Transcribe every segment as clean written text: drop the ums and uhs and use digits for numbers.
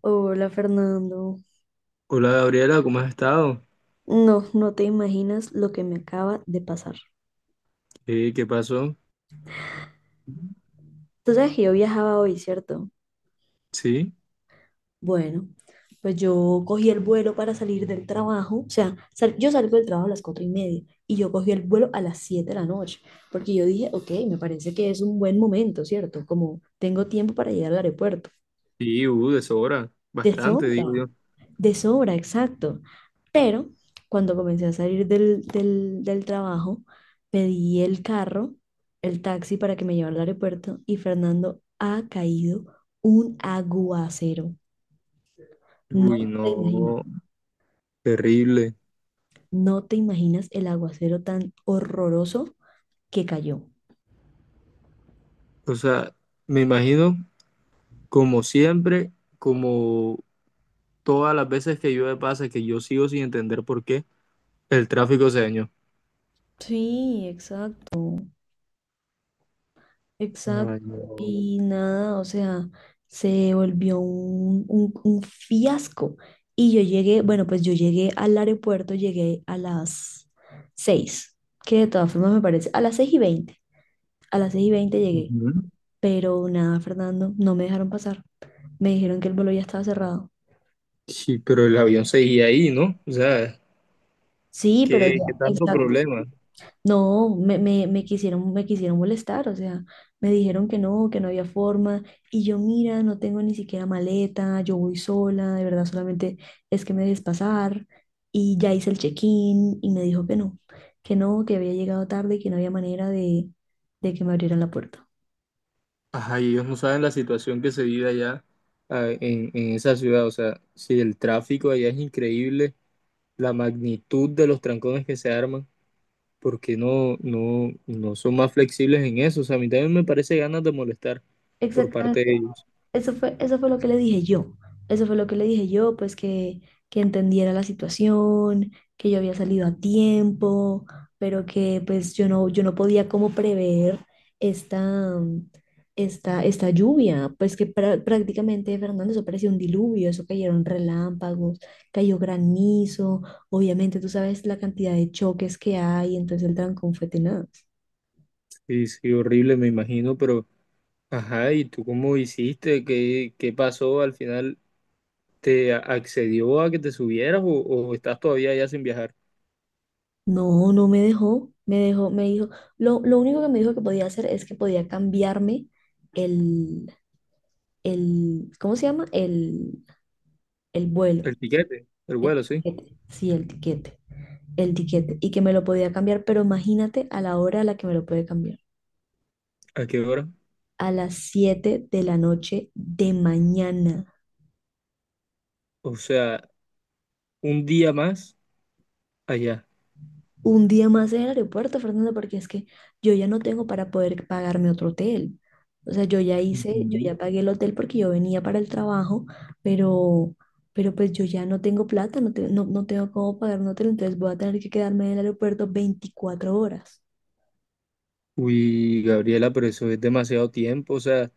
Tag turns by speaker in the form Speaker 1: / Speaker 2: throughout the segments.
Speaker 1: Hola Fernando.
Speaker 2: Hola Gabriela, ¿cómo has estado?
Speaker 1: No, no te imaginas lo que me acaba de pasar.
Speaker 2: Qué pasó?
Speaker 1: Tú sabes que yo viajaba hoy, ¿cierto?
Speaker 2: Sí,
Speaker 1: Bueno, pues yo cogí el vuelo para salir del trabajo. O sea, yo salgo del trabajo a las 4:30 y yo cogí el vuelo a las 7 de la noche porque yo dije, ok, me parece que es un buen momento, ¿cierto? Como tengo tiempo para llegar al aeropuerto.
Speaker 2: sí, deshora,
Speaker 1: De
Speaker 2: bastante, digo
Speaker 1: sobra.
Speaker 2: yo.
Speaker 1: De sobra, exacto. Pero cuando comencé a salir del trabajo, pedí el carro, el taxi para que me llevara al aeropuerto y Fernando ha caído un aguacero. No
Speaker 2: Uy,
Speaker 1: te imaginas,
Speaker 2: no, terrible.
Speaker 1: no te imaginas el aguacero tan horroroso que cayó.
Speaker 2: O sea, me imagino, como siempre, como todas las veces que llueve pasa, que yo sigo sin entender por qué el tráfico se dañó.
Speaker 1: Sí, exacto. Exacto.
Speaker 2: Ay, no.
Speaker 1: Y nada, o sea, se volvió un fiasco. Y yo llegué, bueno, pues yo llegué al aeropuerto, llegué a las 6, que de todas formas me parece, a las 6:20, a las 6:20 llegué.
Speaker 2: Ujú.
Speaker 1: Pero nada, Fernando, no me dejaron pasar. Me dijeron que el vuelo ya estaba cerrado.
Speaker 2: Sí, pero el avión seguía ahí, ¿no? O sea,
Speaker 1: Sí, pero
Speaker 2: ¿qué
Speaker 1: ya,
Speaker 2: tanto
Speaker 1: exacto.
Speaker 2: problema?
Speaker 1: No, me quisieron molestar. O sea, me dijeron que no había forma, y yo, mira, no tengo ni siquiera maleta, yo voy sola, de verdad, solamente es que me dejes pasar, y ya hice el check-in, y me dijo que no, que no, que había llegado tarde y que no había manera de que me abrieran la puerta.
Speaker 2: Ajá, y ellos no saben la situación que se vive allá, en esa ciudad. O sea, si el tráfico allá es increíble, la magnitud de los trancones que se arman, porque no son más flexibles en eso? O sea, a mí también me parece ganas de molestar por parte
Speaker 1: Exactamente.
Speaker 2: de ellos.
Speaker 1: Eso fue lo que le dije yo. Eso fue lo que le dije yo, pues que entendiera la situación, que yo había salido a tiempo, pero que pues yo no podía como prever esta, esta lluvia. Pues que prácticamente, Fernando, eso parecía un diluvio, eso cayeron relámpagos, cayó granizo. Obviamente, tú sabes la cantidad de choques que hay, entonces el trancón fue tenaz.
Speaker 2: Sí, sí, horrible, me imagino, pero ajá, ¿y tú cómo hiciste? ¿Qué pasó al final? ¿Te accedió a que te subieras o estás todavía allá sin viajar?
Speaker 1: No, no me dejó, me dijo, lo único que me dijo que podía hacer es que podía cambiarme el, ¿cómo se llama? El vuelo,
Speaker 2: El tiquete, el
Speaker 1: el
Speaker 2: vuelo, sí.
Speaker 1: tiquete, sí, el tiquete, y que me lo podía cambiar, pero imagínate a la hora a la que me lo puede cambiar:
Speaker 2: ¿A qué hora?
Speaker 1: a las 7 de la noche de mañana.
Speaker 2: O sea, un día más allá.
Speaker 1: Un día más en el aeropuerto, Fernando, porque es que yo ya no tengo para poder pagarme otro hotel. O sea, yo ya hice, yo
Speaker 2: Ujú.
Speaker 1: ya pagué el hotel porque yo venía para el trabajo, pero, pero pues yo ya no tengo plata, no, no tengo cómo pagar un hotel, entonces voy a tener que quedarme en el aeropuerto 24 horas.
Speaker 2: Uy, Gabriela, pero eso es demasiado tiempo. O sea,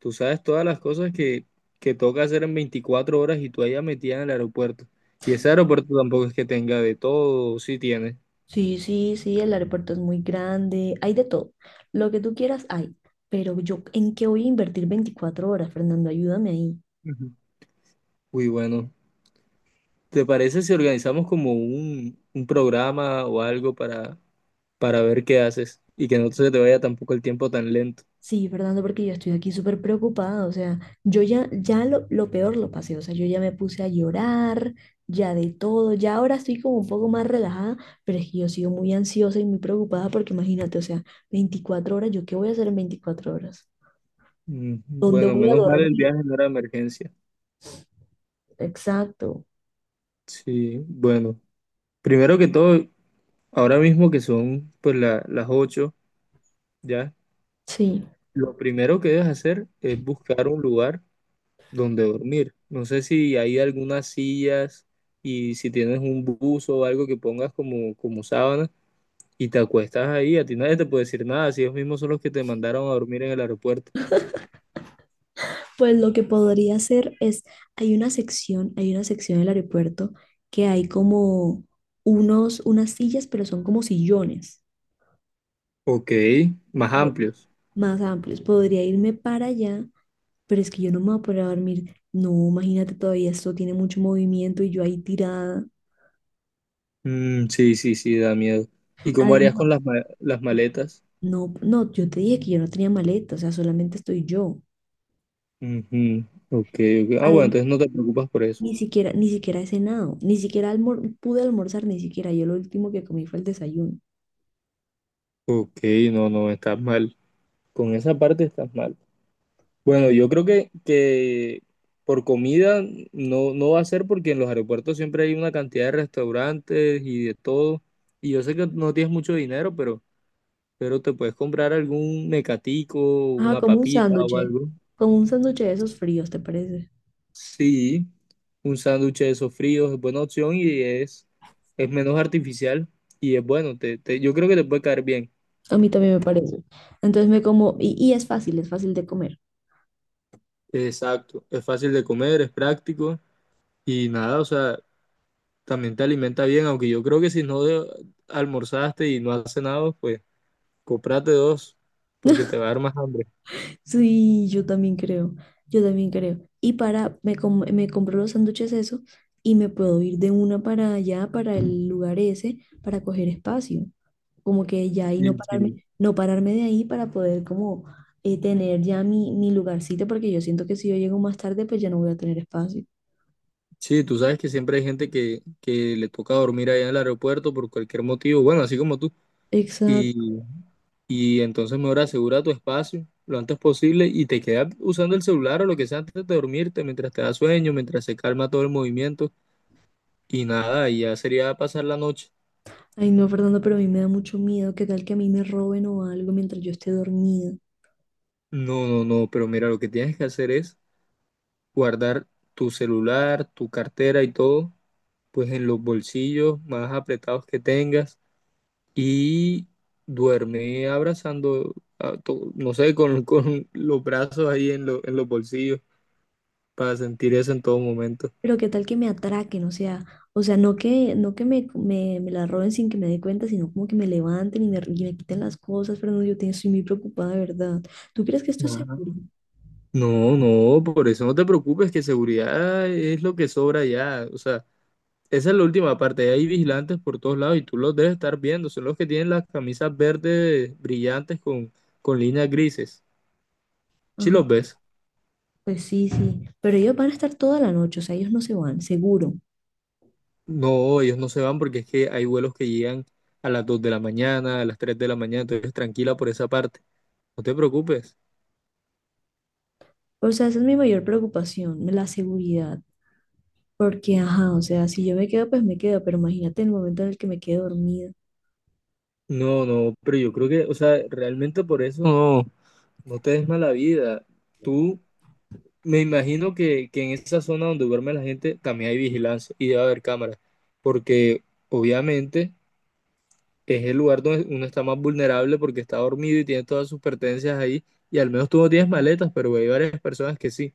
Speaker 2: tú sabes todas las cosas que toca hacer en 24 horas y tú allá metida en el aeropuerto. Y ese aeropuerto tampoco es que tenga de todo, sí tiene.
Speaker 1: Sí, sí, sí, el aeropuerto es muy grande, hay de todo. Lo que tú quieras hay, pero yo, ¿en qué voy a invertir 24 horas, Fernando? Ayúdame ahí.
Speaker 2: Ujú. Uy, bueno, ¿te parece si organizamos como un programa o algo para ver qué haces y que no se te vaya tampoco el tiempo tan lento?
Speaker 1: Sí, Fernando, porque yo estoy aquí súper preocupada. O sea, yo ya lo peor lo pasé, o sea, yo ya me puse a llorar, ya de todo, ya ahora estoy como un poco más relajada, pero es que yo sigo muy ansiosa y muy preocupada porque imagínate, o sea, 24 horas, ¿yo qué voy a hacer en 24 horas?
Speaker 2: Mm,
Speaker 1: ¿Dónde
Speaker 2: bueno,
Speaker 1: voy a
Speaker 2: menos mal el
Speaker 1: dormir?
Speaker 2: viaje no era emergencia.
Speaker 1: Exacto,
Speaker 2: Sí, bueno, primero que todo, ahora mismo que son pues las ocho, ¿ya?
Speaker 1: sí.
Speaker 2: Lo primero que debes hacer es buscar un lugar donde dormir. No sé si hay algunas sillas y si tienes un buzo o algo que pongas como sábana y te acuestas ahí, a ti nadie te puede decir nada, si ellos mismos son los que te mandaron a dormir en el aeropuerto.
Speaker 1: Pues lo que podría hacer es, hay una sección del aeropuerto que hay como unos, unas sillas, pero son como sillones.
Speaker 2: Ok, más amplios.
Speaker 1: Más amplios. Podría irme para allá, pero es que yo no me voy a poder dormir. No, imagínate, todavía esto tiene mucho movimiento y yo ahí tirada.
Speaker 2: Mm, sí, sí, sí, da miedo. ¿Y cómo harías con
Speaker 1: Además,
Speaker 2: las, las maletas?
Speaker 1: no, no, yo te dije que yo no tenía maleta, o sea, solamente estoy yo.
Speaker 2: Ujú, ok, ok. Ah, bueno,
Speaker 1: Además,
Speaker 2: entonces no te preocupas por eso.
Speaker 1: ni siquiera, ni siquiera he cenado, ni siquiera pude almorzar, ni siquiera. Yo lo último que comí fue el desayuno.
Speaker 2: Ok, no, no, estás mal. Con esa parte estás mal. Bueno, yo creo que por comida no, no va a ser porque en los aeropuertos siempre hay una cantidad de restaurantes y de todo. Y yo sé que no tienes mucho dinero, pero te puedes comprar algún mecatico,
Speaker 1: Ajá,
Speaker 2: una papita o algo.
Speaker 1: como un sándwich de esos fríos, ¿te parece?
Speaker 2: Sí, un sándwich de esos fríos es buena opción y es menos artificial y es bueno. Yo creo que te puede caer bien.
Speaker 1: A mí también me parece. Entonces me como, y es fácil de comer.
Speaker 2: Exacto, es fácil de comer, es práctico y nada, o sea, también te alimenta bien, aunque yo creo que si no almorzaste y no has cenado, pues cómprate dos, porque te va a dar más hambre.
Speaker 1: Sí, yo también creo, yo también creo. Y para, me compro los sándwiches eso y me puedo ir de una para allá, para el lugar ese, para coger espacio. Como que ya ahí
Speaker 2: Sí,
Speaker 1: no
Speaker 2: sí.
Speaker 1: pararme, no pararme de ahí para poder como tener ya mi lugarcito, porque yo siento que si yo llego más tarde, pues ya no voy a tener espacio.
Speaker 2: Sí, tú sabes que siempre hay gente que le toca dormir allá en el aeropuerto por cualquier motivo, bueno, así como tú.
Speaker 1: Exacto.
Speaker 2: Y, y entonces mejor asegura tu espacio lo antes posible y te quedas usando el celular o lo que sea antes de dormirte, mientras te da sueño, mientras se calma todo el movimiento y nada, y ya sería pasar la noche.
Speaker 1: Ay, no, Fernando, pero a mí me da mucho miedo. ¿Qué tal que a mí me roben o algo mientras yo esté dormida?
Speaker 2: No, no, no, pero mira, lo que tienes que hacer es guardar tu celular, tu cartera y todo, pues en los bolsillos más apretados que tengas y duerme abrazando, a no sé, con, con los brazos ahí en, en los bolsillos para sentir eso en todo momento.
Speaker 1: Pero qué tal que me atraquen, o sea, no que me, me la roben sin que me dé cuenta, sino como que me levanten y me quiten las cosas, pero no estoy muy preocupada, de verdad. ¿Tú crees que esto es
Speaker 2: Ajá.
Speaker 1: seguro?
Speaker 2: No, no, por eso no te preocupes, que seguridad es lo que sobra ya. O sea, esa es la última parte. Hay vigilantes por todos lados y tú los debes estar viendo. Son los que tienen las camisas verdes brillantes con, líneas grises. ¿Sí los
Speaker 1: Ajá,
Speaker 2: ves?
Speaker 1: pues sí, sí, pero ellos van a estar toda la noche, o sea, ellos no se van, seguro.
Speaker 2: No, ellos no se van porque es que hay vuelos que llegan a las 2 de la mañana, a las 3 de la mañana, entonces tranquila por esa parte, no te preocupes.
Speaker 1: O sea, esa es mi mayor preocupación, la seguridad, porque, ajá, o sea, si yo me quedo, pues me quedo, pero imagínate el momento en el que me quede dormida.
Speaker 2: No, no, pero yo creo que, o sea, realmente por eso no te des mala vida. Tú, me imagino que en esa zona donde duerme la gente también hay vigilancia y debe haber cámaras, porque obviamente es el lugar donde uno está más vulnerable porque está dormido y tiene todas sus pertenencias ahí. Y al menos tú no tienes maletas, pero hay varias personas que sí.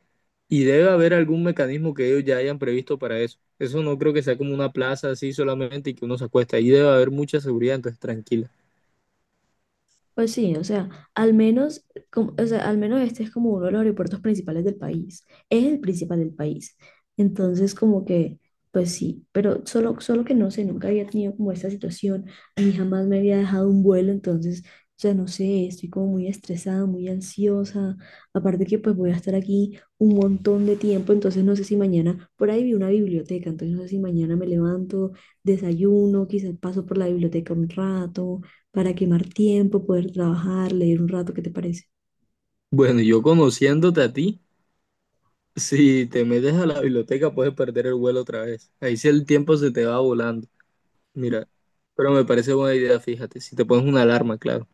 Speaker 2: Y debe haber algún mecanismo que ellos ya hayan previsto para eso. Eso no creo que sea como una plaza así solamente y que uno se acuesta. Ahí debe haber mucha seguridad, entonces tranquila.
Speaker 1: Pues sí, o sea, al menos, o sea, al menos este es como uno de los aeropuertos principales del país. Es el principal del país. Entonces, como que, pues sí, pero solo que no sé, nunca había tenido como esta situación, ni jamás me había dejado un vuelo, entonces, o sea, no sé, estoy como muy estresada, muy ansiosa. Aparte que pues voy a estar aquí un montón de tiempo, entonces no sé si mañana, por ahí vi una biblioteca, entonces no sé si mañana me levanto, desayuno, quizás paso por la biblioteca un rato para quemar tiempo, poder trabajar, leer un rato, ¿qué te parece?
Speaker 2: Bueno, yo conociéndote a ti, si te metes a la biblioteca puedes perder el vuelo otra vez. Ahí sí el tiempo se te va volando. Mira, pero me parece buena idea, fíjate, si te pones una alarma, claro.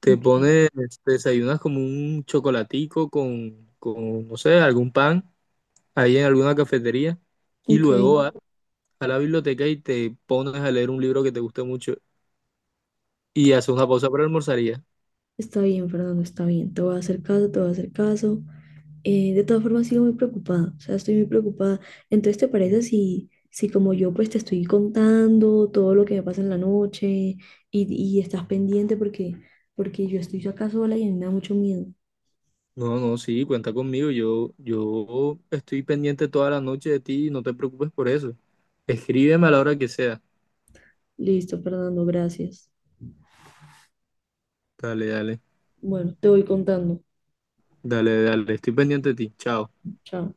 Speaker 2: Te
Speaker 1: Ok,
Speaker 2: pones, te desayunas como un chocolatico con no sé, algún pan ahí en alguna cafetería y
Speaker 1: ok,
Speaker 2: luego vas a la biblioteca y te pones a leer un libro que te guste mucho y haces una pausa para almorzar y ya.
Speaker 1: está bien, Fernando, está bien. Te voy a hacer caso, te voy a hacer caso. De todas formas, sigo muy preocupada, o sea, estoy muy preocupada. Entonces, ¿te parece si, como yo, pues te estoy contando todo lo que me pasa en la noche y estás pendiente porque, yo estoy acá sola y a mí me da mucho miedo?
Speaker 2: No, no, sí, cuenta conmigo. Yo estoy pendiente toda la noche de ti y no te preocupes por eso. Escríbeme a la hora que sea.
Speaker 1: Listo, Fernando, gracias.
Speaker 2: Dale, dale,
Speaker 1: Bueno, te voy contando.
Speaker 2: dale, dale. Estoy pendiente de ti. Chao.
Speaker 1: Chao.